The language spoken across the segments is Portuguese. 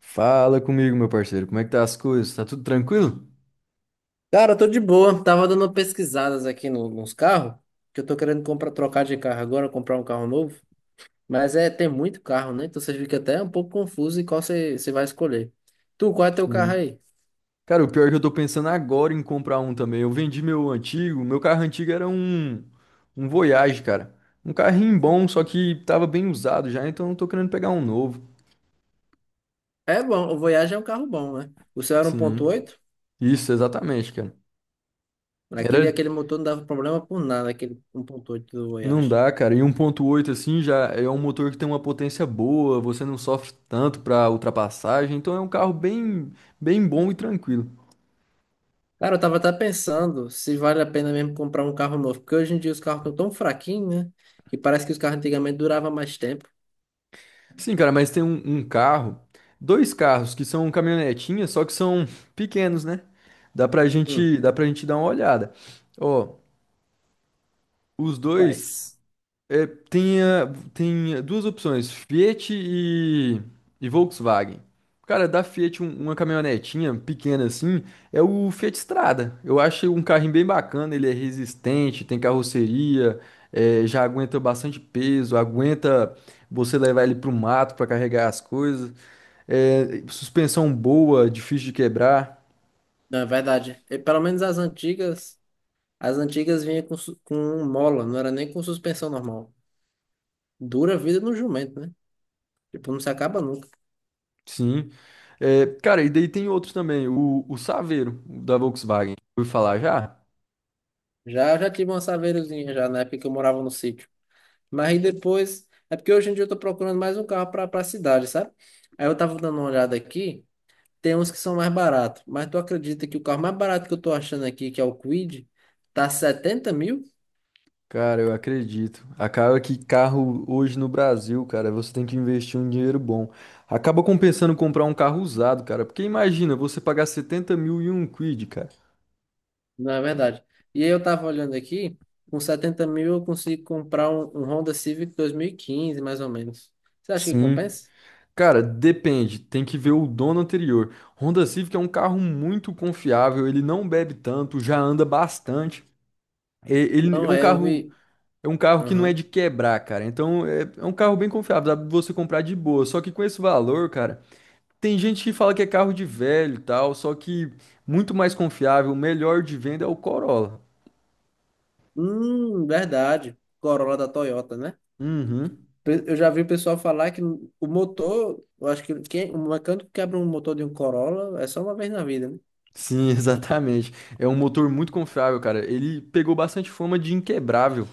Fala comigo, meu parceiro. Como é que tá as coisas? Tá tudo tranquilo? Cara, eu tô de boa. Tava dando pesquisadas aqui nos carros, que eu tô querendo comprar, trocar de carro agora, comprar um carro novo. Mas é, tem muito carro, né? Então você fica até um pouco confuso em qual você vai escolher. Tu, qual é teu carro Sim. aí? Cara, o pior é que eu tô pensando agora em comprar um também. Eu vendi meu antigo, meu carro antigo era um Voyage, cara. Um carrinho bom, só que tava bem usado já, então eu tô querendo pegar um novo. É bom, o Voyage é um carro bom, né? O seu era um ponto Sim. oito. Isso, exatamente, cara. Era Aquele motor não dava problema por nada, aquele 1.8 do não Voyage. dá, cara. E 1.8 assim já é um motor que tem uma potência boa, você não sofre tanto pra ultrapassagem, então é um carro bem bom e tranquilo. Cara, eu tava até pensando se vale a pena mesmo comprar um carro novo, porque hoje em dia os carros estão tão fraquinhos, né? Que parece que os carros antigamente duravam mais tempo. Sim, cara, mas tem um carro, dois carros que são caminhonetinhas, só que são pequenos, né? Dá pra Hum, gente, dá pra gente dar uma olhada. Ó, os dois. quais? É, tem, tem duas opções, Fiat e Volkswagen. Cara, da Fiat, uma caminhonetinha pequena assim, é o Fiat Strada. Eu achei um carrinho bem bacana, ele é resistente, tem carroceria, é, já aguenta bastante peso, aguenta você levar ele pro mato para carregar as coisas. É, suspensão boa, difícil de quebrar, Não, é verdade. E, pelo menos as antigas vinha com mola, não era nem com suspensão normal. Dura a vida no jumento, né? Tipo, não se acaba nunca. sim. É, cara, e daí tem outros também, o Saveiro, da Volkswagen. Ouviu falar já? Já tive uma saveirozinha já na época que eu morava no sítio. Mas aí depois, é porque hoje em dia eu tô procurando mais um carro pra cidade, sabe? Aí eu tava dando uma olhada aqui, tem uns que são mais baratos. Mas tu acredita que o carro mais barato que eu tô achando aqui, que é o Kwid, tá 70.000? Cara, eu acredito. Acaba que carro hoje no Brasil, cara, você tem que investir um dinheiro bom. Acaba compensando comprar um carro usado, cara. Porque imagina você pagar 70 mil e um quid, cara. Não é verdade. E aí eu tava olhando aqui, com 70.000 eu consigo comprar um Honda Civic 2015 mais ou menos. Você acha que Sim. compensa? Cara, depende. Tem que ver o dono anterior. Honda Civic é um carro muito confiável. Ele não bebe tanto, já anda bastante. Ele Não é, eu vi. é um carro que não é Aham. de quebrar, cara. Então é, é um carro bem confiável. Dá pra você comprar de boa. Só que com esse valor, cara. Tem gente que fala que é carro de velho e tal, só que muito mais confiável, o melhor de venda é o Corolla. Verdade. Corolla da Toyota, né? Uhum. Eu já vi o pessoal falar que o motor, eu acho que quem, o mecânico que quebra um motor de um Corolla é só uma vez na vida, né? Sim, exatamente. É um motor muito confiável, cara. Ele pegou bastante fama de inquebrável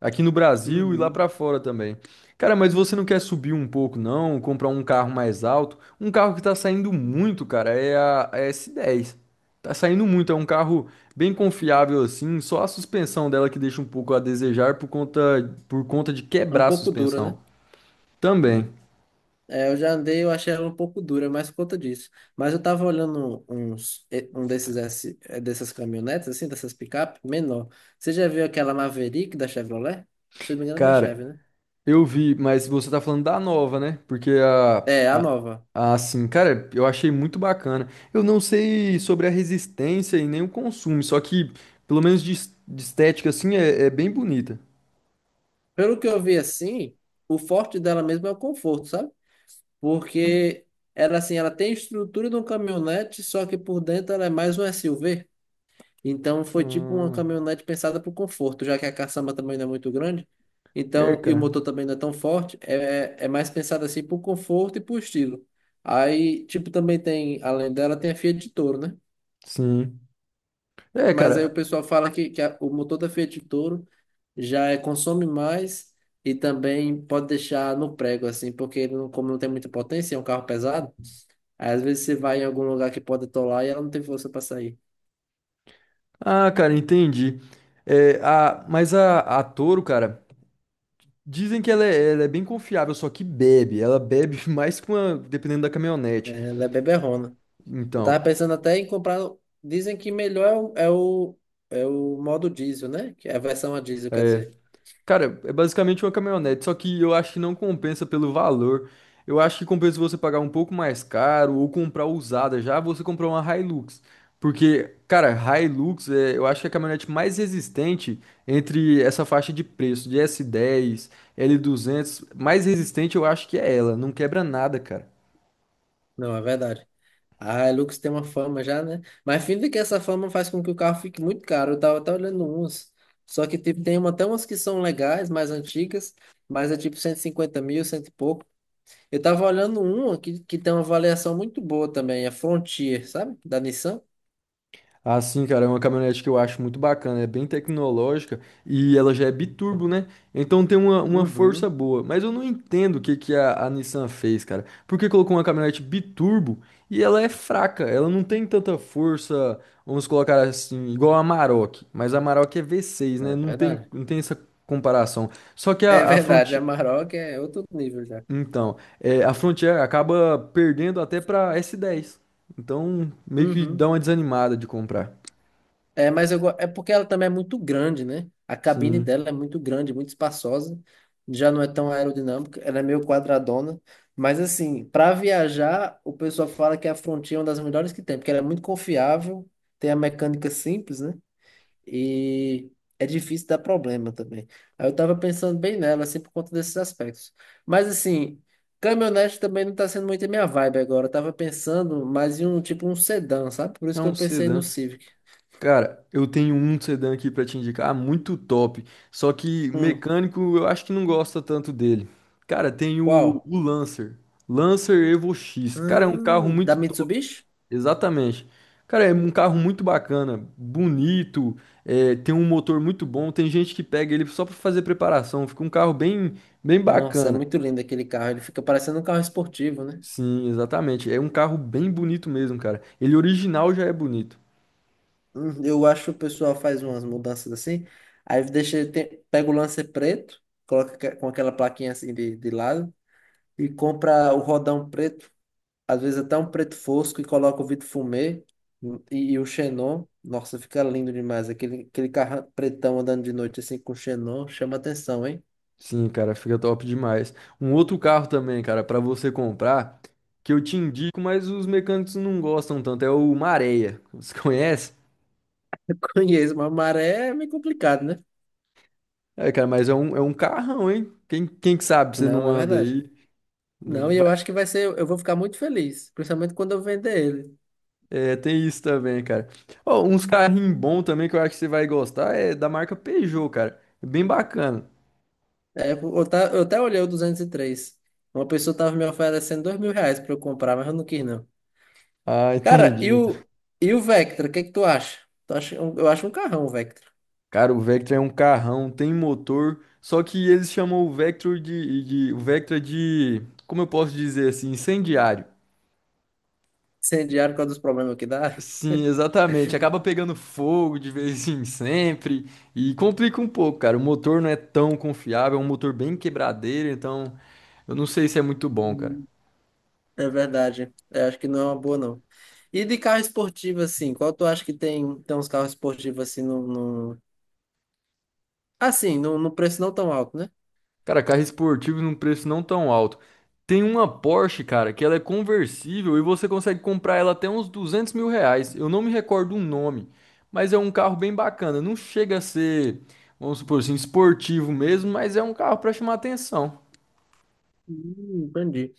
aqui no Brasil e lá Uhum. pra fora também. Cara, mas você não quer subir um pouco, não? Comprar um carro mais alto? Um carro que tá saindo muito, cara, é a S10. Tá saindo muito, é um carro bem confiável assim, só a suspensão dela que deixa um pouco a desejar por conta de É um quebrar a pouco dura, suspensão. né? Também. É, eu já andei, eu achei ela um pouco dura, mas por conta disso. Mas eu tava olhando uns, um desses, dessas caminhonetes, assim, dessas picape, menor. Você já viu aquela Maverick da Chevrolet? Se eu não me engano, é da Cara, Chevy, né? eu vi, mas você tá falando da nova, né? Porque É, a a, nova. Assim, cara, eu achei muito bacana. Eu não sei sobre a resistência e nem o consumo, só que, pelo menos de estética, assim, é, é bem bonita. Pelo que eu vi, assim, o forte dela mesmo é o conforto, sabe? Porque ela, assim, ela tem a estrutura de um caminhonete, só que por dentro ela é mais um SUV. Então foi tipo uma Ah, caminhonete pensada para o conforto, já que a caçamba também não é muito grande. é, Então, e o cara. motor também não é tão forte, é mais pensada assim para o conforto e para o estilo. Aí, tipo, também tem, além dela, tem a Fiat Toro, né? Sim. É, Mas aí o cara. pessoal fala que o motor da Fiat Toro já consome mais e também pode deixar no prego, assim, porque ele não, como não tem muita potência, é um carro pesado, aí às vezes você vai em algum lugar que pode atolar e ela não tem força para sair. Ah, cara, entendi. É, a, mas a Toro, cara, dizem que ela é bem confiável, só que bebe. Ela bebe mais que uma, dependendo da caminhonete. É, ela é beberrona. Eu Então. tava pensando até em comprar. Dizem que melhor é o, é o modo diesel, né? Que é a versão a diesel, quer É, dizer. cara, é basicamente uma caminhonete, só que eu acho que não compensa pelo valor. Eu acho que compensa você pagar um pouco mais caro ou comprar usada já, você comprar uma Hilux. Porque, cara, Hilux é, eu acho que é a caminhonete mais resistente entre essa faixa de preço de S10, L200, mais resistente eu acho que é ela, não quebra nada, cara. Não, é verdade. Ah, a Hilux tem uma fama já, né? Mas fim que essa fama faz com que o carro fique muito caro. Eu tava até olhando uns. Só que tipo, tem uma, até umas que são legais, mais antigas, mas é tipo 150.000, cento e pouco. Eu tava olhando uma que tem uma avaliação muito boa também, a Frontier, sabe? Da Nissan. Ah, sim, cara, é uma caminhonete que eu acho muito bacana, é bem tecnológica e ela já é biturbo, né? Então tem uma força Uhum. boa. Mas eu não entendo o que, que a Nissan fez, cara. Por que colocou uma caminhonete biturbo e ela é fraca? Ela não tem tanta força, vamos colocar assim, igual a Amarok. Mas a Amarok é V6, né? Né? Não tem, Verdade. não tem essa comparação. Só que É verdade, a Maroc é outro nível já. Então, é, a, Frontier acaba perdendo até pra S10. Então, meio que dá Uhum. uma desanimada de comprar. É, mas é porque ela também é muito grande, né? A cabine Sim. dela é muito grande, muito espaçosa. Já não é tão aerodinâmica, ela é meio quadradona. Mas assim, para viajar, o pessoal fala que a Frontier é uma das melhores que tem, porque ela é muito confiável, tem a mecânica simples, né? E é difícil dar problema também. Aí eu tava pensando bem nela, assim, por conta desses aspectos. Mas assim, caminhonete também não tá sendo muito a minha vibe agora. Eu tava pensando mais em um tipo um sedã, sabe? Por É isso que um eu pensei no sedã. Civic. Cara, eu tenho um sedã aqui pra te indicar, muito top. Só que Hum. mecânico eu acho que não gosta tanto dele. Cara, tem o, Qual? o Lancer. Lancer Evo X. Cara, é um carro Da muito top. Mitsubishi? Exatamente. Cara, é um carro muito bacana, bonito, é, tem um motor muito bom. Tem gente que pega ele só pra fazer preparação. Fica um carro bem, bem Nossa, é bacana. muito lindo aquele carro. Ele fica parecendo um carro esportivo, né? Sim, exatamente. É um carro bem bonito mesmo, cara. Ele original já é bonito. Eu acho que o pessoal faz umas mudanças assim. Aí deixa, tem, pega o Lancer preto, coloca com aquela plaquinha assim de lado e compra o rodão preto. Às vezes até um preto fosco e coloca o vidro fumê e o xenon. Nossa, fica lindo demais. Aquele carro pretão andando de noite assim com xenon chama atenção, hein? Sim, cara, fica top demais. Um outro carro também, cara, pra você comprar, que eu te indico, mas os mecânicos não gostam tanto, é o Mareia. Você conhece? Eu conheço, mas maré é meio complicado, né? É, cara, mas é um carrão, hein? Quem, quem que sabe você não Não, é anda verdade. aí? Não Não, e eu vai- acho que vai ser, eu vou ficar muito feliz, principalmente quando eu vender ele. É, tem isso também, cara. Ó, uns carrinhos bons também que eu acho que você vai gostar é da marca Peugeot, cara. É bem bacana. É, eu, tá, eu até olhei o 203. Uma pessoa tava me oferecendo R$ 2.000 pra eu comprar, mas eu não quis, não. Ah, Cara, e entendi. o, e o Vectra, o que é que tu acha? Tu acha eu acho um carrão, o Vectra. Cara, o Vectra é um carrão, tem motor, só que eles chamam o Vector de, o Vectra de, como eu posso dizer assim, incendiário. Incendiário por causa dos problemas que dá. Sim, exatamente. Acaba pegando fogo de vez em sempre e complica um pouco, cara. O motor não é tão confiável, é um motor bem quebradeiro, então eu não sei se é muito bom, cara. Uhum. É verdade. Eu acho que não é uma boa, não. E de carro esportivo, assim, qual tu acha que tem, uns carros esportivos assim no, no... no preço não tão alto, né? Cara, carro esportivo num preço não tão alto. Tem uma Porsche, cara, que ela é conversível e você consegue comprar ela até uns 200 mil reais. Eu não me recordo o nome, mas é um carro bem bacana. Não chega a ser, vamos supor assim, esportivo mesmo, mas é um carro para chamar atenção. Entendi.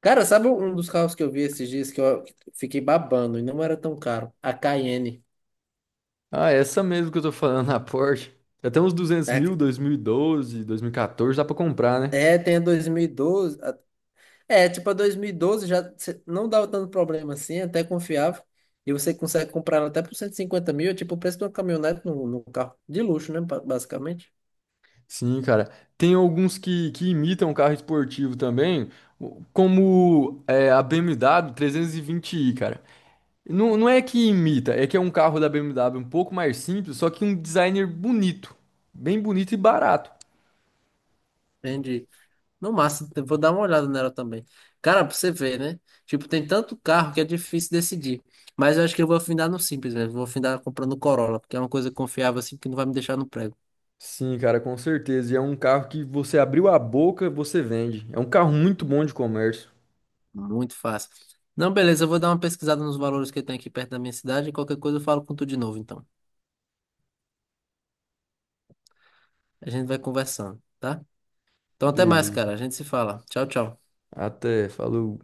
Cara, sabe um dos carros que eu vi esses dias que eu fiquei babando e não era tão caro? A Cayenne. Ah, essa mesmo que eu tô falando, a Porsche. Até uns 200 É, mil, dois mil e doze, dois mil e 2014, dá pra comprar, né? Tem a 2012. É, tipo, a 2012 já não dava tanto problema assim, é até confiável. E você consegue comprar ela até por 150.000, é tipo o preço de uma caminhonete num carro de luxo, né? Basicamente. Sim, cara. Tem alguns que imitam carro esportivo também, como é, a BMW 320i, cara. Não, não é que imita, é que é um carro da BMW um pouco mais simples, só que um designer bonito. Bem bonito e barato. Entendi. No máximo, eu vou dar uma olhada nela também. Cara, pra você ver, né? Tipo, tem tanto carro que é difícil decidir. Mas eu acho que eu vou afinar no simples mesmo. Vou afinar comprando Corolla, porque é uma coisa confiável assim que não vai me deixar no prego. Sim, cara, com certeza. E é um carro que você abriu a boca, você vende. É um carro muito bom de comércio. Muito fácil. Não, beleza, eu vou dar uma pesquisada nos valores que tem aqui perto da minha cidade e qualquer coisa eu falo com tu de novo, então. A gente vai conversando, tá? Então até mais, cara. Beleza. A gente se fala. Tchau, tchau. Até, falou.